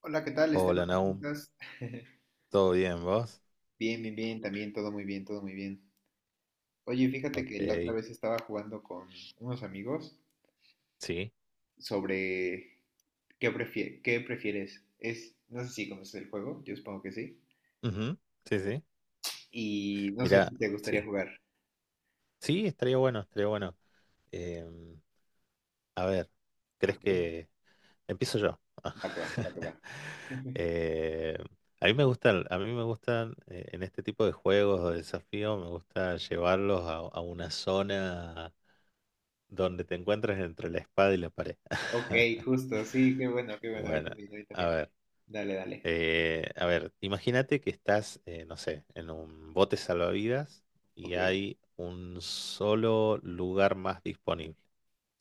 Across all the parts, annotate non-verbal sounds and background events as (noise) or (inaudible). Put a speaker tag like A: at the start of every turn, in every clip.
A: Hola, ¿qué tal, Esteban?
B: Hola,
A: ¿Cómo
B: Naum.
A: estás?
B: ¿Todo bien, vos?
A: Bien, bien, bien, también todo muy bien, todo muy bien. Oye, fíjate que la otra
B: Ok.
A: vez estaba jugando con unos amigos
B: Sí.
A: sobre qué prefieres. No sé si conoces el juego, yo supongo que sí.
B: Ujú. Sí, sí.
A: Y no sé
B: Mirá,
A: si te gustaría
B: sí.
A: jugar.
B: Sí, estaría bueno, estaría bueno. Em, a ver, ¿crees
A: Ok,
B: que empiezo yo?
A: va que va, va que va.
B: (laughs)
A: (laughs)
B: Eh, a mí me gustan, en este tipo de juegos o desafíos, me gusta llevarlos a una zona donde te encuentres entre la espada y la pared.
A: Ok,
B: (laughs)
A: justo, sí, qué bueno, a mí
B: Bueno,
A: también, a mí
B: a
A: también.
B: ver.
A: Dale, dale.
B: A ver, imagínate que estás, no sé, en un bote salvavidas y
A: Ok.
B: hay un solo lugar más disponible,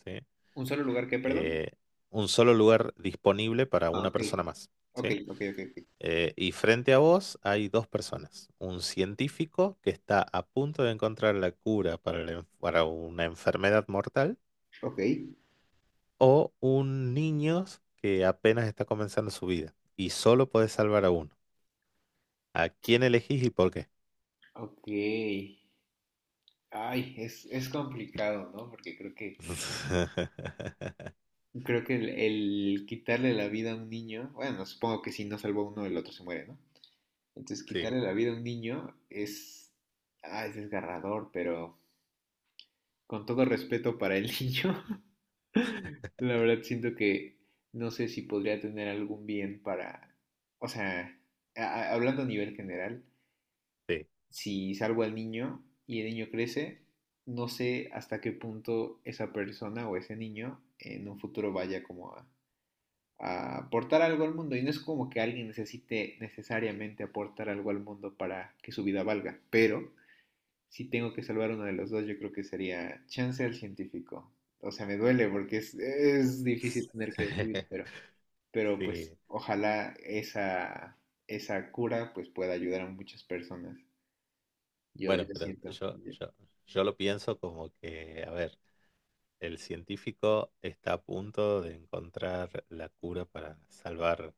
B: ¿sí?
A: ¿Un solo lugar qué, perdón?
B: Eh, un solo lugar disponible para
A: Ah,
B: una
A: ok.
B: persona más,
A: Ok,
B: ¿sí?
A: ok, ok, ok.
B: Y frente a vos hay dos personas, un científico que está a punto de encontrar la cura para una enfermedad mortal,
A: Ok,
B: o un niño que apenas está comenzando su vida, y solo podés salvar a uno. ¿A quién elegís y por qué?
A: ok. Ay, es complicado, ¿no? Porque creo que,
B: (laughs)
A: creo que el quitarle la vida a un niño, bueno, supongo que si no salvó uno, el otro se muere, ¿no? Entonces, quitarle
B: Sí,
A: la vida a un niño es desgarrador, pero con todo respeto para el niño, (laughs) la verdad siento que no sé si podría tener algún bien para, o sea, hablando a nivel general,
B: sí,
A: si salvo al niño y el niño crece, no sé hasta qué punto esa persona o ese niño en un futuro vaya como a, aportar algo al mundo. Y no es como que alguien necesite necesariamente aportar algo al mundo para que su vida valga, pero si tengo que salvar uno de los dos, yo creo que sería chance al científico. O sea, me duele porque es difícil tener que decidir,
B: (laughs)
A: pero pues
B: sí.
A: ojalá esa cura pues pueda ayudar a muchas personas. Yo,
B: Bueno,
A: yo
B: pero
A: siento.
B: yo lo pienso como que, a ver, el científico está a punto de encontrar la cura para salvar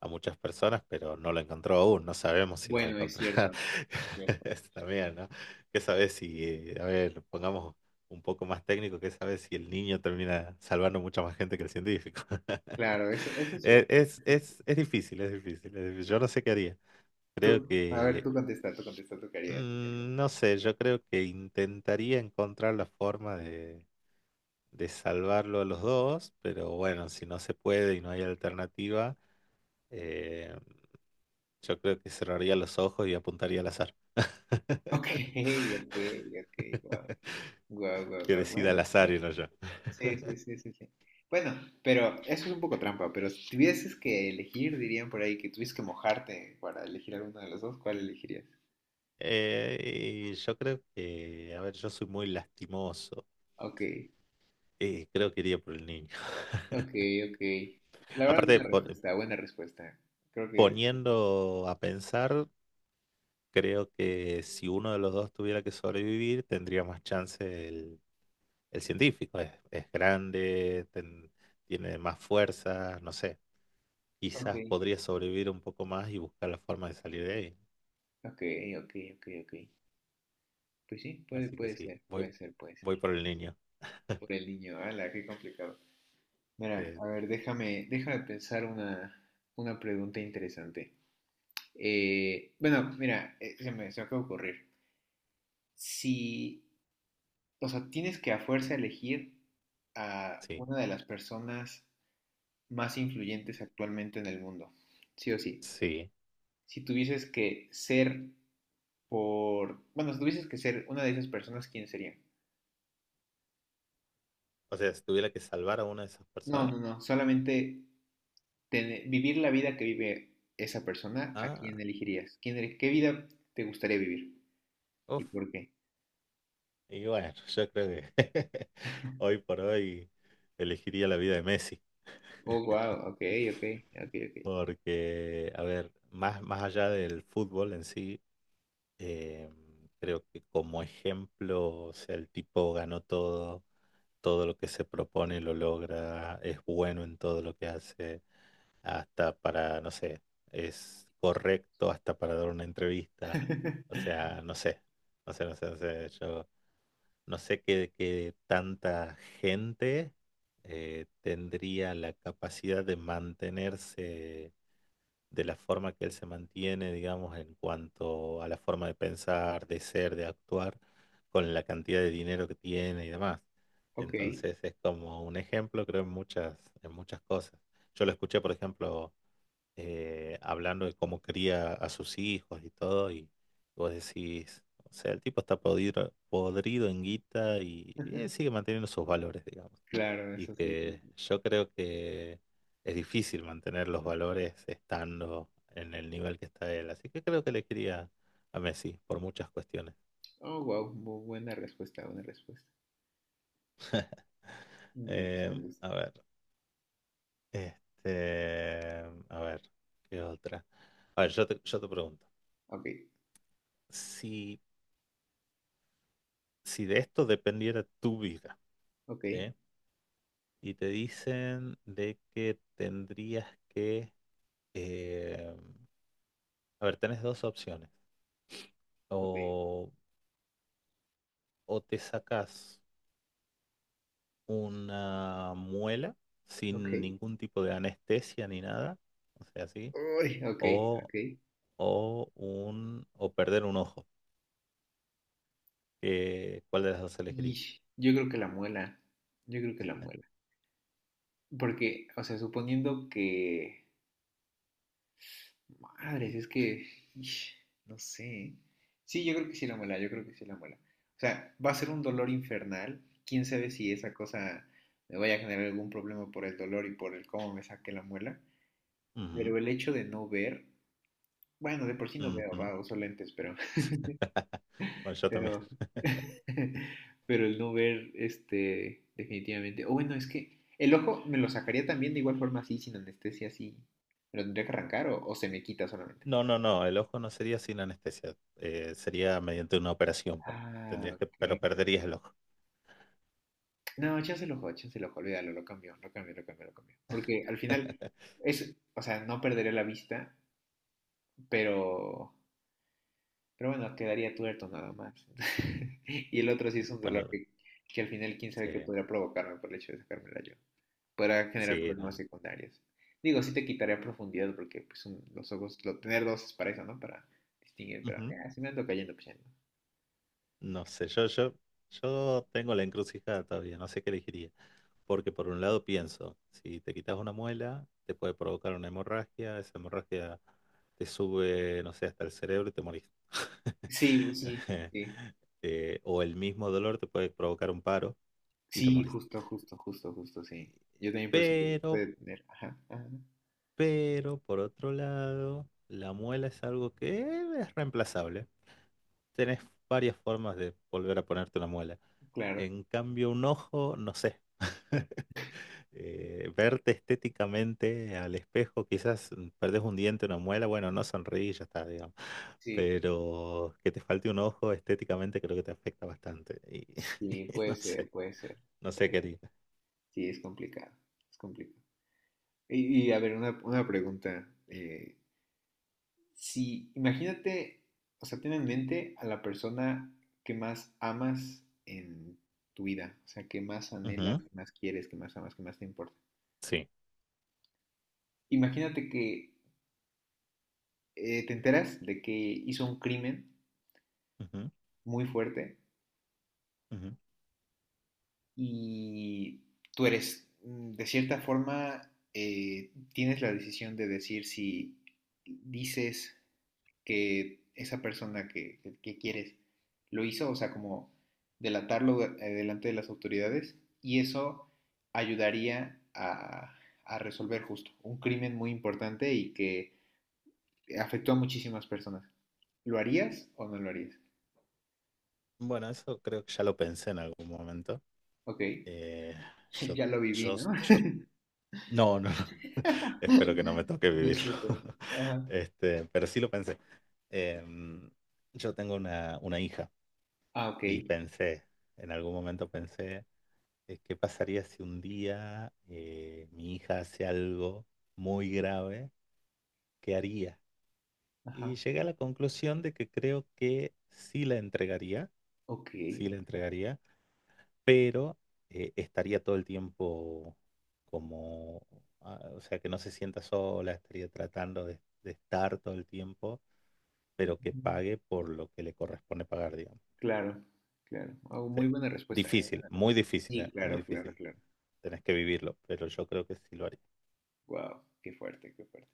B: a muchas personas, pero no lo encontró aún, no sabemos si lo va a
A: Bueno, es
B: encontrar.
A: cierto, es cierto.
B: (laughs) Eso también, ¿no? ¿Qué sabes si, a ver, pongamos un poco más técnico, qué sabes si el niño termina salvando mucha más gente que el científico? (laughs)
A: Claro, eso es
B: Es,
A: cierto.
B: es,
A: Eso es
B: es,
A: cierto.
B: es difícil, es difícil, es difícil. Yo no sé qué haría.
A: Tú,
B: Creo
A: a ver,
B: que,
A: tú contesta, tú contesta, tú querías, tú querías.
B: mm,
A: (laughs)
B: no sé, yo creo que intentaría encontrar la forma de salvarlo a los dos, pero bueno, si no se puede y no hay alternativa, eh, yo creo que cerraría los ojos y apuntaría al azar,
A: Ok, ok, ok, guau, guau, guau,
B: que
A: guau,
B: decida
A: bueno,
B: al azar y no yo.
A: sí, sí, sí, sí, sí. Bueno, pero eso es un poco trampa, pero si tuvieses que elegir, dirían por ahí que tuvieses que mojarte para elegir alguno de los dos, ¿cuál elegirías?
B: Y yo creo que, a ver, yo soy muy lastimoso,
A: Ok,
B: creo que iría por el niño.
A: ok, ok. La
B: (laughs)
A: verdad,
B: Aparte,
A: buena respuesta, buena respuesta. Creo que...
B: poniendo a pensar, creo que si uno de los dos tuviera que sobrevivir, tendría más chance. El científico es grande, tiene más fuerza, no sé.
A: Ok,
B: Quizás podría sobrevivir un poco más y buscar la forma de salir de ahí.
A: ok, ok, ok, ok. Pues sí, puede,
B: Así que
A: puede
B: sí,
A: ser, puede ser, puede ser.
B: voy por el niño.
A: Por el niño, ala, qué complicado. Mira,
B: Eh,
A: a ver, déjame pensar una pregunta interesante. Bueno, mira, se me acaba de ocurrir. Si, o sea, tienes que a fuerza elegir a
B: sí,
A: una de las personas más influyentes actualmente en el mundo, sí o sí.
B: sí.
A: Si tuvieses que ser por, bueno, si tuvieses que ser una de esas personas, ¿quién sería?
B: O sea, si tuviera que salvar a una de esas
A: No,
B: personas.
A: no, no, solamente vivir la vida que vive esa persona, ¿a quién
B: Ah,
A: elegirías? ¿Qué vida te gustaría vivir? ¿Y
B: uff.
A: por qué?
B: Y bueno, (laughs) yo creo que (laughs) hoy por hoy elegiría la vida de Messi.
A: Oh, wow, ok, ok, ok, ok.
B: Porque, a ver, más allá del fútbol en sí, Eh, creo que como ejemplo, o sea, el tipo ganó todo, todo lo que se propone lo logra, es bueno en todo lo que hace, hasta para, no sé, es correcto hasta para dar una entrevista. O
A: (laughs)
B: sea, no sé, no sé, no sé, no sé, yo no sé qué, qué tanta gente tendría la capacidad de mantenerse de la forma que él se mantiene, digamos, en cuanto a la forma de pensar, de ser, de actuar, con la cantidad de dinero que tiene y demás.
A: Ok,
B: Entonces es como un ejemplo, creo, en muchas cosas. Yo lo escuché, por ejemplo, hablando de cómo cría a sus hijos y todo, y vos decís, o sea, el tipo está podrido, podrido en guita y, sigue manteniendo sus valores, digamos.
A: claro,
B: Y
A: eso sí. Sí,
B: que
A: sí.
B: yo creo que es difícil mantener los valores estando en el nivel que está él. Así que creo que le quería a Messi por muchas cuestiones.
A: Oh, wow, buena respuesta, buena respuesta. Me gusta, me gusta.
B: A ver, este, a ver, ¿qué otra? A ver, yo te pregunto,
A: Ok,
B: si, si de esto dependiera tu vida,
A: ok,
B: ¿sí? Y te dicen de que tendrías que, eh, a ver, tenés dos opciones.
A: ok,
B: O, o te sacas una muela
A: ok.
B: sin ningún tipo de anestesia ni nada, o sea, así,
A: Uy, ok,
B: o,
A: ok.
B: o perder un ojo. ¿Cuál de las dos elegirías?
A: Ish, yo creo que la muela, yo creo que la muela. Porque, o sea, suponiendo que madres, es que... ish, No sé. Sí, yo creo que sí la muela, yo creo que sí la muela. O sea, va a ser un dolor infernal. Quién sabe si esa cosa me vaya a generar algún problema por el dolor y por el cómo me saque la muela.
B: Ujú,
A: Pero el hecho de no ver, bueno, de por sí no veo,
B: ujú.
A: va, uso lentes, pero,
B: (laughs) Bueno, yo también.
A: pero, (laughs) pero el no ver, este, definitivamente. O bueno, es que el ojo me lo sacaría también de igual forma así, sin anestesia, así. ¿Me lo tendría que arrancar o se me quita solamente?
B: No, no, no, el ojo no sería sin anestesia, sería mediante una operación, pone.
A: Ah,
B: Tendrías que,
A: ok.
B: pero perderías el ojo.
A: No, échase el ojo, olvídalo, lo cambió, lo cambió, lo cambió, lo cambió. Porque al final
B: (laughs)
A: es, o sea, no perderé la vista, pero, pero bueno, quedaría tuerto nada más. (laughs) Y el otro sí es un dolor
B: Bueno,
A: que al final quién sabe qué
B: sí,
A: podría provocarme por el hecho de sacármela yo. Podrá generar
B: sí, no,
A: problemas secundarios. Digo, sí te quitaría profundidad porque pues los ojos, tener dos es para eso, ¿no? Para distinguir, pero
B: ujú,
A: ya, si me ando cayendo, pues ya no.
B: no sé, yo tengo la encrucijada todavía, no sé qué elegiría, porque por un lado pienso, si te quitas una muela, te puede provocar una hemorragia, esa hemorragia te sube, no sé, hasta el cerebro y te morís.
A: Sí, pues sí,
B: (laughs)
A: sí.
B: O el mismo dolor te puede provocar un paro y te
A: Sí,
B: morís.
A: justo, justo, justo, justo, sí. Yo también percibo que
B: Pero,
A: puede tener. Ajá, ajá,
B: pero, por otro lado, la muela es algo que es reemplazable. Tenés varias formas de volver a ponerte una muela.
A: claro,
B: En cambio, un ojo, no sé. (laughs) Verte estéticamente al espejo, quizás perdés un diente, una muela, bueno, no sonríes, ya está, digamos.
A: sí.
B: Pero que te falte un ojo estéticamente creo que te afecta bastante. Y,
A: Sí,
B: (laughs) y
A: puede
B: no
A: ser,
B: sé,
A: puede ser,
B: no sé
A: puede
B: qué
A: ser.
B: haría.
A: Sí, es complicado, es complicado. A ver, una pregunta. Si, Imagínate, o sea, ten en mente a la persona que más amas en tu vida, o sea, que más anhelas,
B: Ujú.
A: que más quieres, que más amas, que más te importa.
B: Sí.
A: Imagínate que te enteras de que hizo un crimen
B: Ujú,
A: muy fuerte
B: ujú.
A: y tú eres, de cierta forma, tienes la decisión de decir si dices que esa persona que quieres lo hizo, o sea, como delatarlo delante de las autoridades, y eso ayudaría a, resolver justo un crimen muy importante y que afectó a muchísimas personas. ¿Lo harías o no lo harías?
B: Bueno, eso creo que ya lo pensé en algún momento.
A: Ok,
B: Eh,
A: (laughs)
B: yo,
A: ya lo viví,
B: yo,
A: ¿no?
B: yo, no, no. (laughs) Espero que no me toque
A: (laughs) No es
B: vivirlo.
A: cierto, ¿no?
B: (laughs)
A: Ajá.
B: Este, pero sí lo pensé. Em, yo tengo una hija
A: Ah, ok.
B: y pensé, en algún momento pensé, ¿qué pasaría si un día mi hija hace algo muy grave? ¿Qué haría? Y
A: Ajá.
B: llegué a la conclusión de que creo que
A: Ok.
B: sí la entregaría, pero estaría todo el tiempo como, ah, o sea, que no se sienta sola, estaría tratando de estar todo el tiempo, pero que
A: Ujú.
B: pague por lo que le corresponde pagar, digamos.
A: Claro, claro. Ah,
B: Sí.
A: muy buena respuesta,
B: Difícil,
A: buena
B: muy
A: respuesta.
B: difícil,
A: Sí,
B: ¿eh? Muy
A: claro, claro,
B: difícil.
A: claro.
B: Tenés que vivirlo, pero yo creo que sí lo haría.
A: Wow, qué fuerte, qué fuerte.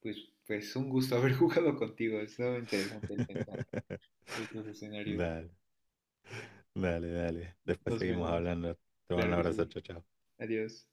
A: Pues, pues un gusto haber (laughs) jugado contigo. Estaba interesante el pensar
B: (laughs)
A: estos escenarios.
B: Dale, dale, dale. Después
A: Nos
B: seguimos
A: vemos.
B: hablando. Te mando
A: Claro
B: un
A: que
B: abrazo,
A: sí.
B: chao, chao.
A: Adiós.